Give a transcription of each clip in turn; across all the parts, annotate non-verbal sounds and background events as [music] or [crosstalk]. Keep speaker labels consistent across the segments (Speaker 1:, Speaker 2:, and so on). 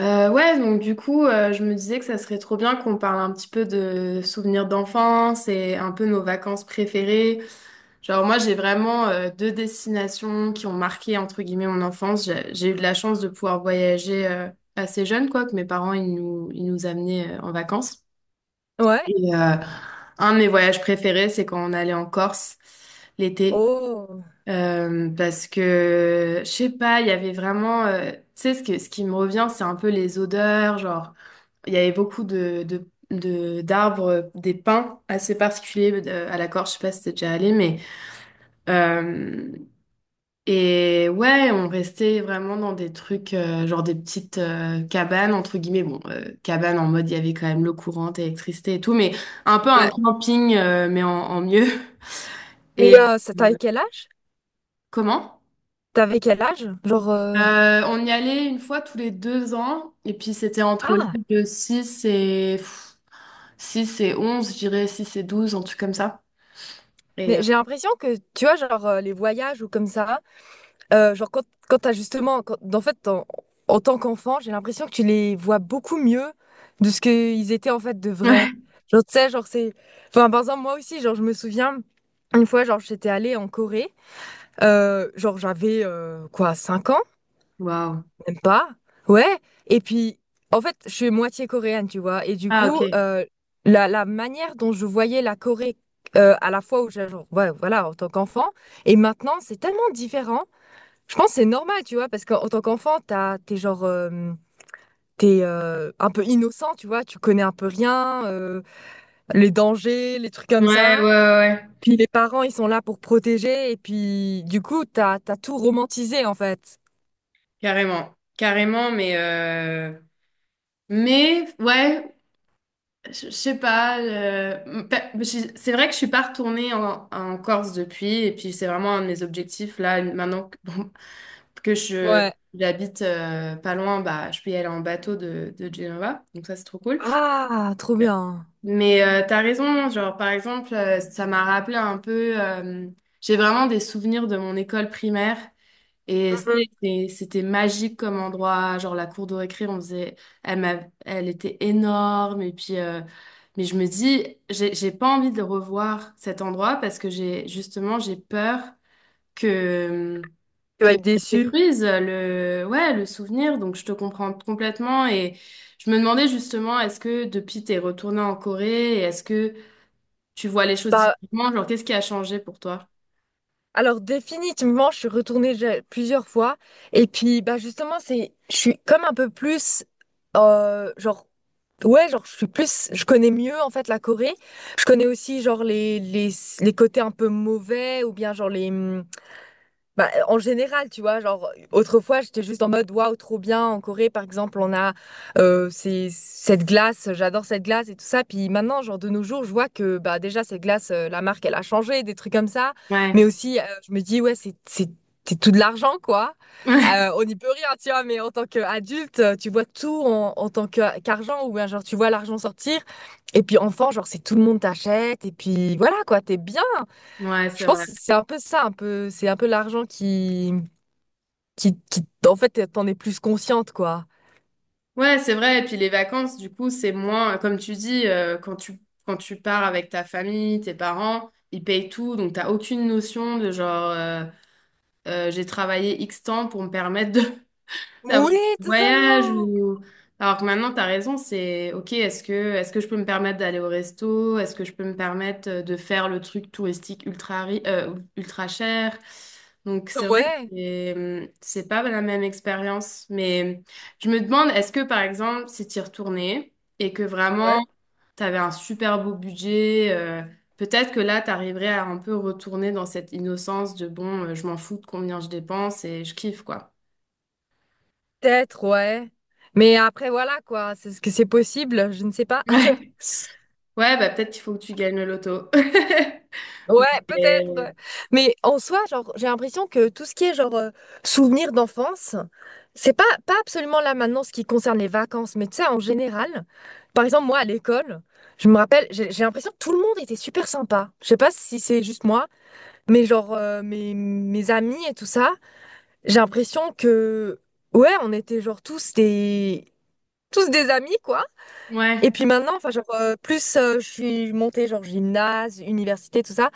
Speaker 1: Ouais, donc du coup, je me disais que ça serait trop bien qu'on parle un petit peu de souvenirs d'enfance et un peu nos vacances préférées. Genre moi, j'ai vraiment deux destinations qui ont marqué entre guillemets mon enfance. J'ai eu de la chance de pouvoir voyager assez jeune, quoi, que mes parents ils nous amenaient en vacances.
Speaker 2: Ouais.
Speaker 1: Et euh, un de mes voyages préférés, c'est quand on allait en Corse l'été.
Speaker 2: Oh.
Speaker 1: Parce que, je sais pas, il y avait vraiment, tu sais, ce qui me revient, c'est un peu les odeurs, genre il y avait beaucoup d'arbres, des pins assez particuliers, à la Corse, je sais pas si t'es déjà allé, mais... euh, et ouais, on restait vraiment dans des trucs, genre des petites cabanes, entre guillemets, bon, cabanes en mode, il y avait quand même l'eau courante, électricité et tout, mais un peu un
Speaker 2: Ouais.
Speaker 1: camping, mais en mieux. [laughs]
Speaker 2: Mais
Speaker 1: Et...
Speaker 2: c'est-
Speaker 1: euh,
Speaker 2: t'avais quel âge?
Speaker 1: Comment?
Speaker 2: T'avais quel âge? Genre.
Speaker 1: On y allait une fois tous les 2 ans, et puis c'était entre l'âge
Speaker 2: Ah.
Speaker 1: de 6 et... 6 et 11, je dirais 6 et 12, un truc comme ça. Et
Speaker 2: Mais
Speaker 1: euh,
Speaker 2: j'ai l'impression que, tu vois, genre les voyages ou comme ça, genre quand, quand t'as justement. Quand, en fait, en, en tant qu'enfant, j'ai l'impression que tu les vois beaucoup mieux de ce qu'ils étaient en fait de vrai.
Speaker 1: Ouais.
Speaker 2: Genre, tu sais, genre c'est. Enfin, par exemple, moi aussi, genre, je me souviens, une fois, genre, j'étais allée en Corée. Genre, j'avais quoi, 5 ans?
Speaker 1: Waouh.
Speaker 2: Même pas. Ouais. Et puis, en fait, je suis moitié coréenne, tu vois. Et du
Speaker 1: Ah, ok.
Speaker 2: coup,
Speaker 1: Ouais,
Speaker 2: la manière dont je voyais la Corée à la fois où j'ai, genre, ouais, voilà, en tant qu'enfant, et maintenant, c'est tellement différent. Je pense que c'est normal, tu vois, parce qu'en en tant qu'enfant, t'as, t'es genre, t'es un peu innocent, tu vois. Tu connais un peu rien, les dangers, les trucs comme
Speaker 1: ouais, ouais,
Speaker 2: ça.
Speaker 1: ouais.
Speaker 2: Puis les parents, ils sont là pour protéger. Et puis, du coup, t'as, t'as tout romantisé, en fait.
Speaker 1: Carrément, carrément, mais ouais, je sais pas. C'est vrai que je suis pas retournée en Corse depuis, et puis c'est vraiment un de mes objectifs là maintenant que, bon, [laughs] que je
Speaker 2: Ouais.
Speaker 1: j'habite pas loin, bah je peux y aller en bateau de Genova, donc ça c'est trop cool.
Speaker 2: Ah, trop bien.
Speaker 1: Mais t'as raison, genre par exemple, ça m'a rappelé un peu. J'ai vraiment des souvenirs de mon école primaire. Et c'était magique comme endroit, genre la cour de récré, on faisait, elle m'a, elle était énorme et puis, mais je me dis, j'ai pas envie de le revoir cet endroit parce que j'ai justement j'ai peur que
Speaker 2: Tu
Speaker 1: que
Speaker 2: vas être
Speaker 1: ça
Speaker 2: déçu.
Speaker 1: détruise le, ouais, le souvenir. Donc je te comprends complètement et je me demandais justement, est-ce que depuis t'es retournée en Corée, et est-ce que tu vois les choses
Speaker 2: Bah,
Speaker 1: différemment? Genre qu'est-ce qui a changé pour toi?
Speaker 2: alors définitivement, je suis retournée déjà plusieurs fois. Et puis, bah justement, c'est, je suis comme un peu plus, genre, ouais, genre, je suis plus, je connais mieux en fait la Corée. Je connais aussi genre les les côtés un peu mauvais ou bien genre les. Bah, en général, tu vois, genre, autrefois, j'étais juste en mode, waouh, trop bien. En Corée, par exemple, on a ces- cette glace, j'adore cette glace et tout ça. Puis maintenant, genre, de nos jours, je vois que, bah, déjà, cette glace, la marque, elle a changé, des trucs comme ça. Mais
Speaker 1: Ouais,
Speaker 2: aussi, je me dis, ouais, c'est tout de l'argent, quoi.
Speaker 1: [laughs] ouais,
Speaker 2: On n'y peut rien, tu vois, mais en tant qu'adulte, tu vois tout en, en tant que- qu'argent, ou bien, genre, tu vois l'argent sortir. Et puis, enfant, genre, c'est tout le monde t'achète. Et puis, voilà, quoi, t'es bien.
Speaker 1: ouais,
Speaker 2: Je
Speaker 1: c'est
Speaker 2: pense
Speaker 1: vrai.
Speaker 2: que c'est un peu ça, un peu, c'est un peu l'argent qui, en fait, t'en es plus consciente, quoi.
Speaker 1: Ouais, c'est vrai. Et puis les vacances, du coup, c'est moins, comme tu dis, quand tu pars avec ta famille, tes parents, ils payent tout, donc t'as aucune notion de genre, j'ai travaillé X temps pour me permettre d'avoir
Speaker 2: Oui,
Speaker 1: un voyage
Speaker 2: totalement.
Speaker 1: ou alors que maintenant t'as raison, c'est ok, est-ce que je peux me permettre d'aller au resto, est-ce que je peux me permettre de faire le truc touristique ultra cher, donc c'est vrai que
Speaker 2: Ouais,
Speaker 1: c'est pas la même expérience, mais je me demande, est-ce que par exemple si t'y retournais et que
Speaker 2: ouais,
Speaker 1: vraiment t'avais un super beau budget, peut-être que là, t'arriverais à un peu retourner dans cette innocence de bon, je m'en fous de combien je dépense et je kiffe, quoi.
Speaker 2: peut-être, ouais. Mais après, voilà, quoi, c'est ce que c'est possible, je ne sais pas.
Speaker 1: [laughs]
Speaker 2: [laughs]
Speaker 1: Ouais, bah peut-être qu'il faut que tu gagnes le loto. [laughs]
Speaker 2: Ouais, peut-être. Ouais.
Speaker 1: Et-
Speaker 2: Mais en soi, genre, j'ai l'impression que tout ce qui est, genre, souvenirs d'enfance, c'est pas, pas absolument là maintenant ce qui concerne les vacances, mais tu sais, en général, par exemple, moi, à l'école, je me rappelle, j'ai l'impression que tout le monde était super sympa. Je sais pas si c'est juste moi. Mais genre, mes, mes amis et tout ça, j'ai l'impression que, ouais, on était genre tous des amis, quoi. Et
Speaker 1: Ouais,
Speaker 2: puis maintenant, enfin, genre, plus je suis montée, genre, gymnase, université, tout ça,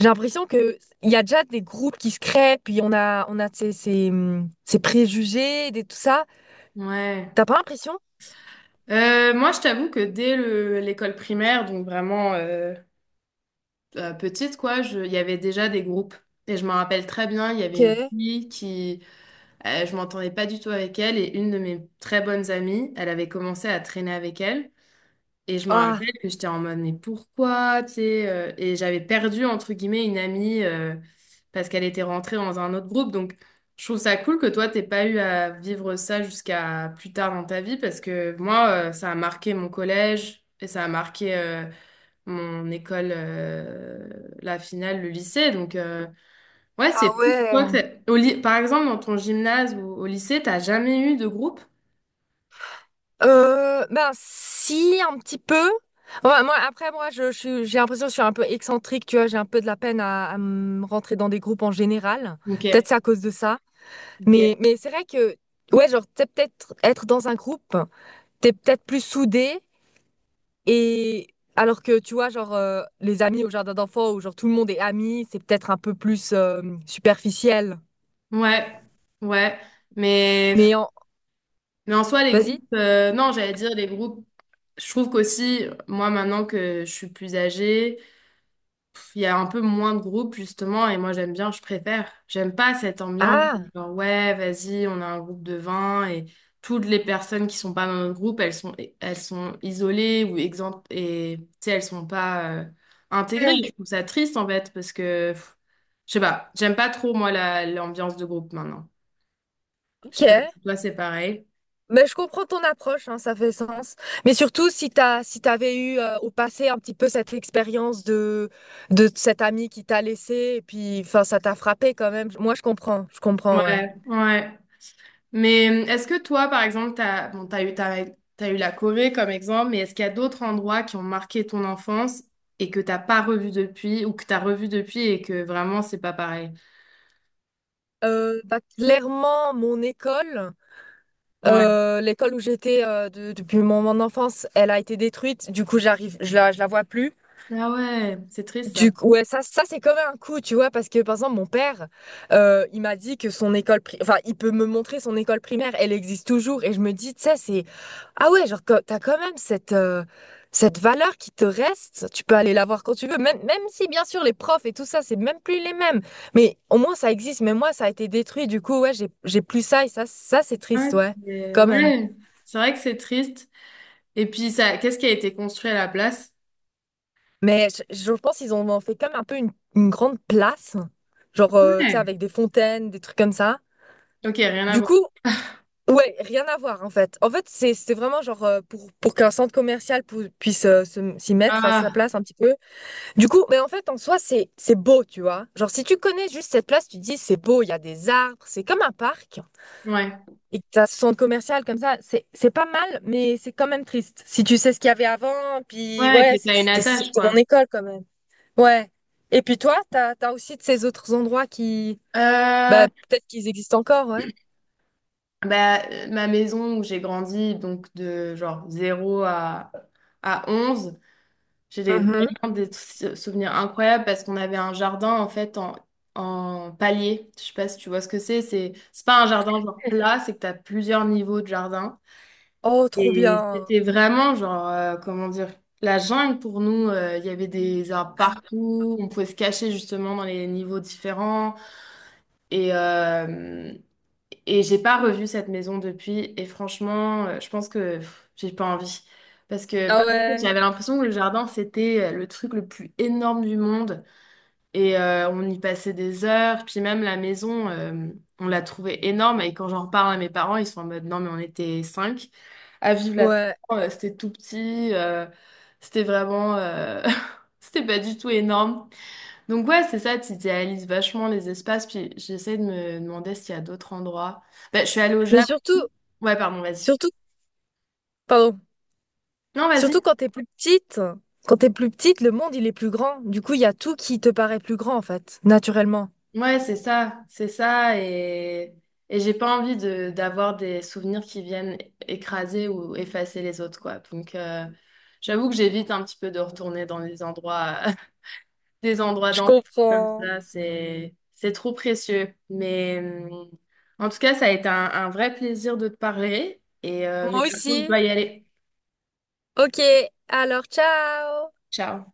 Speaker 2: j'ai l'impression que il y a déjà des groupes qui se créent, puis on a ces, ces, ces préjugés, des, tout ça.
Speaker 1: ouais.
Speaker 2: T'as pas l'impression
Speaker 1: Moi, je t'avoue que dès l'école primaire, donc vraiment petite, quoi, il y avait déjà des groupes. Et je m'en rappelle très bien, il y avait une
Speaker 2: que,
Speaker 1: fille qui, je m'entendais pas du tout avec elle, et une de mes très bonnes amies, elle avait commencé à traîner avec elle. Et je me rappelle
Speaker 2: ah,
Speaker 1: que j'étais en mode, mais pourquoi, tu sais, et j'avais perdu, entre guillemets, une amie, parce qu'elle était rentrée dans un autre groupe. Donc, je trouve ça cool que toi, t'aies pas eu à vivre ça jusqu'à plus tard dans ta vie, parce que moi, ça a marqué mon collège et ça a marqué, mon école, la finale, le lycée. Donc, ouais,
Speaker 2: ah
Speaker 1: c'est fou. Toi,
Speaker 2: ouais.
Speaker 1: par exemple, dans ton gymnase ou au lycée, t'as jamais eu de groupe?
Speaker 2: Ben si un petit peu. Ouais, moi après moi je suis- j'ai l'impression que je suis un peu excentrique, tu vois, j'ai un peu de la peine à me rentrer dans des groupes en général.
Speaker 1: Ok,
Speaker 2: Peut-être c'est à cause de ça. Mais
Speaker 1: ok.
Speaker 2: mais c'est vrai que ouais, genre t'es peut-être être dans un groupe, t'es peut-être plus soudé et alors que tu vois genre les amis au jardin d'enfants où genre tout le monde est ami, c'est peut-être un peu plus superficiel.
Speaker 1: Ouais, ouais. Mais.
Speaker 2: Mais en...
Speaker 1: Mais en soi, les
Speaker 2: Vas-y.
Speaker 1: groupes, non, j'allais dire les groupes, je trouve qu'aussi, moi, maintenant que je suis plus âgée, il y a un peu moins de groupes, justement, et moi, j'aime bien, je préfère. J'aime pas cette ambiance, où,
Speaker 2: Ah,
Speaker 1: genre, ouais, vas-y, on a un groupe de 20, et toutes les personnes qui sont pas dans notre groupe, elles sont isolées ou exemptes, et tu sais, elles sont pas intégrées.
Speaker 2: eh,
Speaker 1: Je trouve ça triste, en fait, parce que, je sais pas, j'aime pas trop, moi, l'ambiance de groupe maintenant. Je
Speaker 2: ok.
Speaker 1: sais pas si toi, c'est pareil.
Speaker 2: Mais je comprends ton approche, hein, ça fait sens. Mais surtout, si t'as, si t'avais eu au passé un petit peu cette expérience de cet ami qui t'a laissé, et puis enfin, ça t'a frappé quand même. Moi, je comprends, ouais.
Speaker 1: Ouais, ouais. Mais est-ce que toi, par exemple, t'as, bon, t'as eu, ta- t'as eu la Corée comme exemple, mais est-ce qu'il y a d'autres endroits qui ont marqué ton enfance et que t'as pas revu depuis ou que t'as revu depuis et que vraiment c'est pas pareil?
Speaker 2: Bah, clairement, mon école,
Speaker 1: Ouais.
Speaker 2: l'école où j'étais de- depuis mon, mon enfance, elle a été détruite. Du coup, j'arrive, je la vois plus.
Speaker 1: Ah ouais, c'est triste ça.
Speaker 2: Du coup, ouais, ça c'est comme un coup, tu vois, parce que par exemple, mon père, il m'a dit que son école pri- enfin, il peut me montrer son école primaire, elle existe toujours, et je me dis, tu sais, c'est, ah ouais, genre, co- t'as quand même cette, cette valeur qui te reste, tu peux aller la voir quand tu veux, même, même si, bien sûr, les profs et tout ça, c'est même plus les mêmes, mais au moins, ça existe, mais moi, ça a été détruit, du coup, ouais, j'ai plus ça, et ça, ça, c'est
Speaker 1: Ouais,
Speaker 2: triste, ouais,
Speaker 1: c'est
Speaker 2: quand même.
Speaker 1: ouais, c'est vrai que c'est triste. Et puis ça, qu'est-ce qui a été construit à la place?
Speaker 2: Mais je pense qu'ils ont en fait comme un peu une grande place, genre, tu sais,
Speaker 1: Ouais.
Speaker 2: avec des fontaines, des trucs comme ça.
Speaker 1: Ok, rien à
Speaker 2: Du
Speaker 1: voir.
Speaker 2: coup, ouais, rien à voir en fait. En fait, c'est vraiment genre pour qu'un centre commercial pou- puisse se- s'y mettre à sa
Speaker 1: Ah,
Speaker 2: place un petit peu. Du coup, mais en fait, en soi, c'est beau, tu vois. Genre si tu connais juste cette place, tu te dis c'est beau, il y a des arbres, c'est comme un parc.
Speaker 1: ouais.
Speaker 2: Et que t'as ce centre commercial comme ça, c'est pas mal, mais c'est quand même triste. Si tu sais ce qu'il y avait avant, puis
Speaker 1: Ouais, que
Speaker 2: ouais, c'est-
Speaker 1: t'as une
Speaker 2: c'était
Speaker 1: attache,
Speaker 2: c'était
Speaker 1: quoi.
Speaker 2: mon école quand même. Ouais. Et puis toi, t'as t'as aussi de ces autres endroits qui,
Speaker 1: Euh,
Speaker 2: bah peut-être qu'ils existent encore, ouais.
Speaker 1: Bah, ma maison où j'ai grandi, donc de genre 0 à 11. J'ai des-
Speaker 2: Mhm.
Speaker 1: Vraiment des souvenirs incroyables parce qu'on avait un jardin en fait en palier. Je sais pas si tu vois ce que c'est. C'est pas un jardin genre plat, c'est que tu as plusieurs niveaux de jardin.
Speaker 2: Oh, trop
Speaker 1: Et
Speaker 2: bien.
Speaker 1: c'était vraiment genre, comment dire, la jungle pour nous. Il y avait des arbres partout. On pouvait se cacher justement dans les niveaux différents. Et, euh, et j'ai pas revu cette maison depuis. Et franchement, je pense que j'ai pas envie. Parce que
Speaker 2: Ah
Speaker 1: par contre,
Speaker 2: ouais,
Speaker 1: j'avais l'impression que le jardin, c'était le truc le plus énorme du monde. On y passait des heures. Puis même la maison, on l'a trouvée énorme. Et quand j'en reparle à mes parents, ils sont en mode, non, mais on était cinq à vivre là-dedans.
Speaker 2: ouais.
Speaker 1: C'était tout petit. C'était vraiment... [laughs] c'était pas du tout énorme. Donc ouais, c'est ça, tu idéalises vachement les espaces, puis j'essaie de me demander s'il y a d'autres endroits. Bah, je suis allée au
Speaker 2: Mais
Speaker 1: Japon.
Speaker 2: surtout,
Speaker 1: Ouais, pardon, vas-y.
Speaker 2: surtout, pardon,
Speaker 1: Non, vas-y.
Speaker 2: surtout quand t'es plus petite, quand t'es plus petite, le monde il est plus grand. Du coup, il y a tout qui te paraît plus grand en fait, naturellement.
Speaker 1: Ouais, c'est ça, et j'ai pas envie de d'avoir des souvenirs qui viennent écraser ou effacer les autres, quoi. Donc j'avoue que j'évite un petit peu de retourner dans les endroits des endroits
Speaker 2: Je
Speaker 1: d'enfants comme
Speaker 2: comprends.
Speaker 1: ça, c'est trop précieux. Mais en tout cas, ça a été un vrai plaisir de te parler. Mais
Speaker 2: Moi
Speaker 1: par contre, je
Speaker 2: aussi.
Speaker 1: dois y aller.
Speaker 2: Ok, alors ciao!
Speaker 1: Ciao.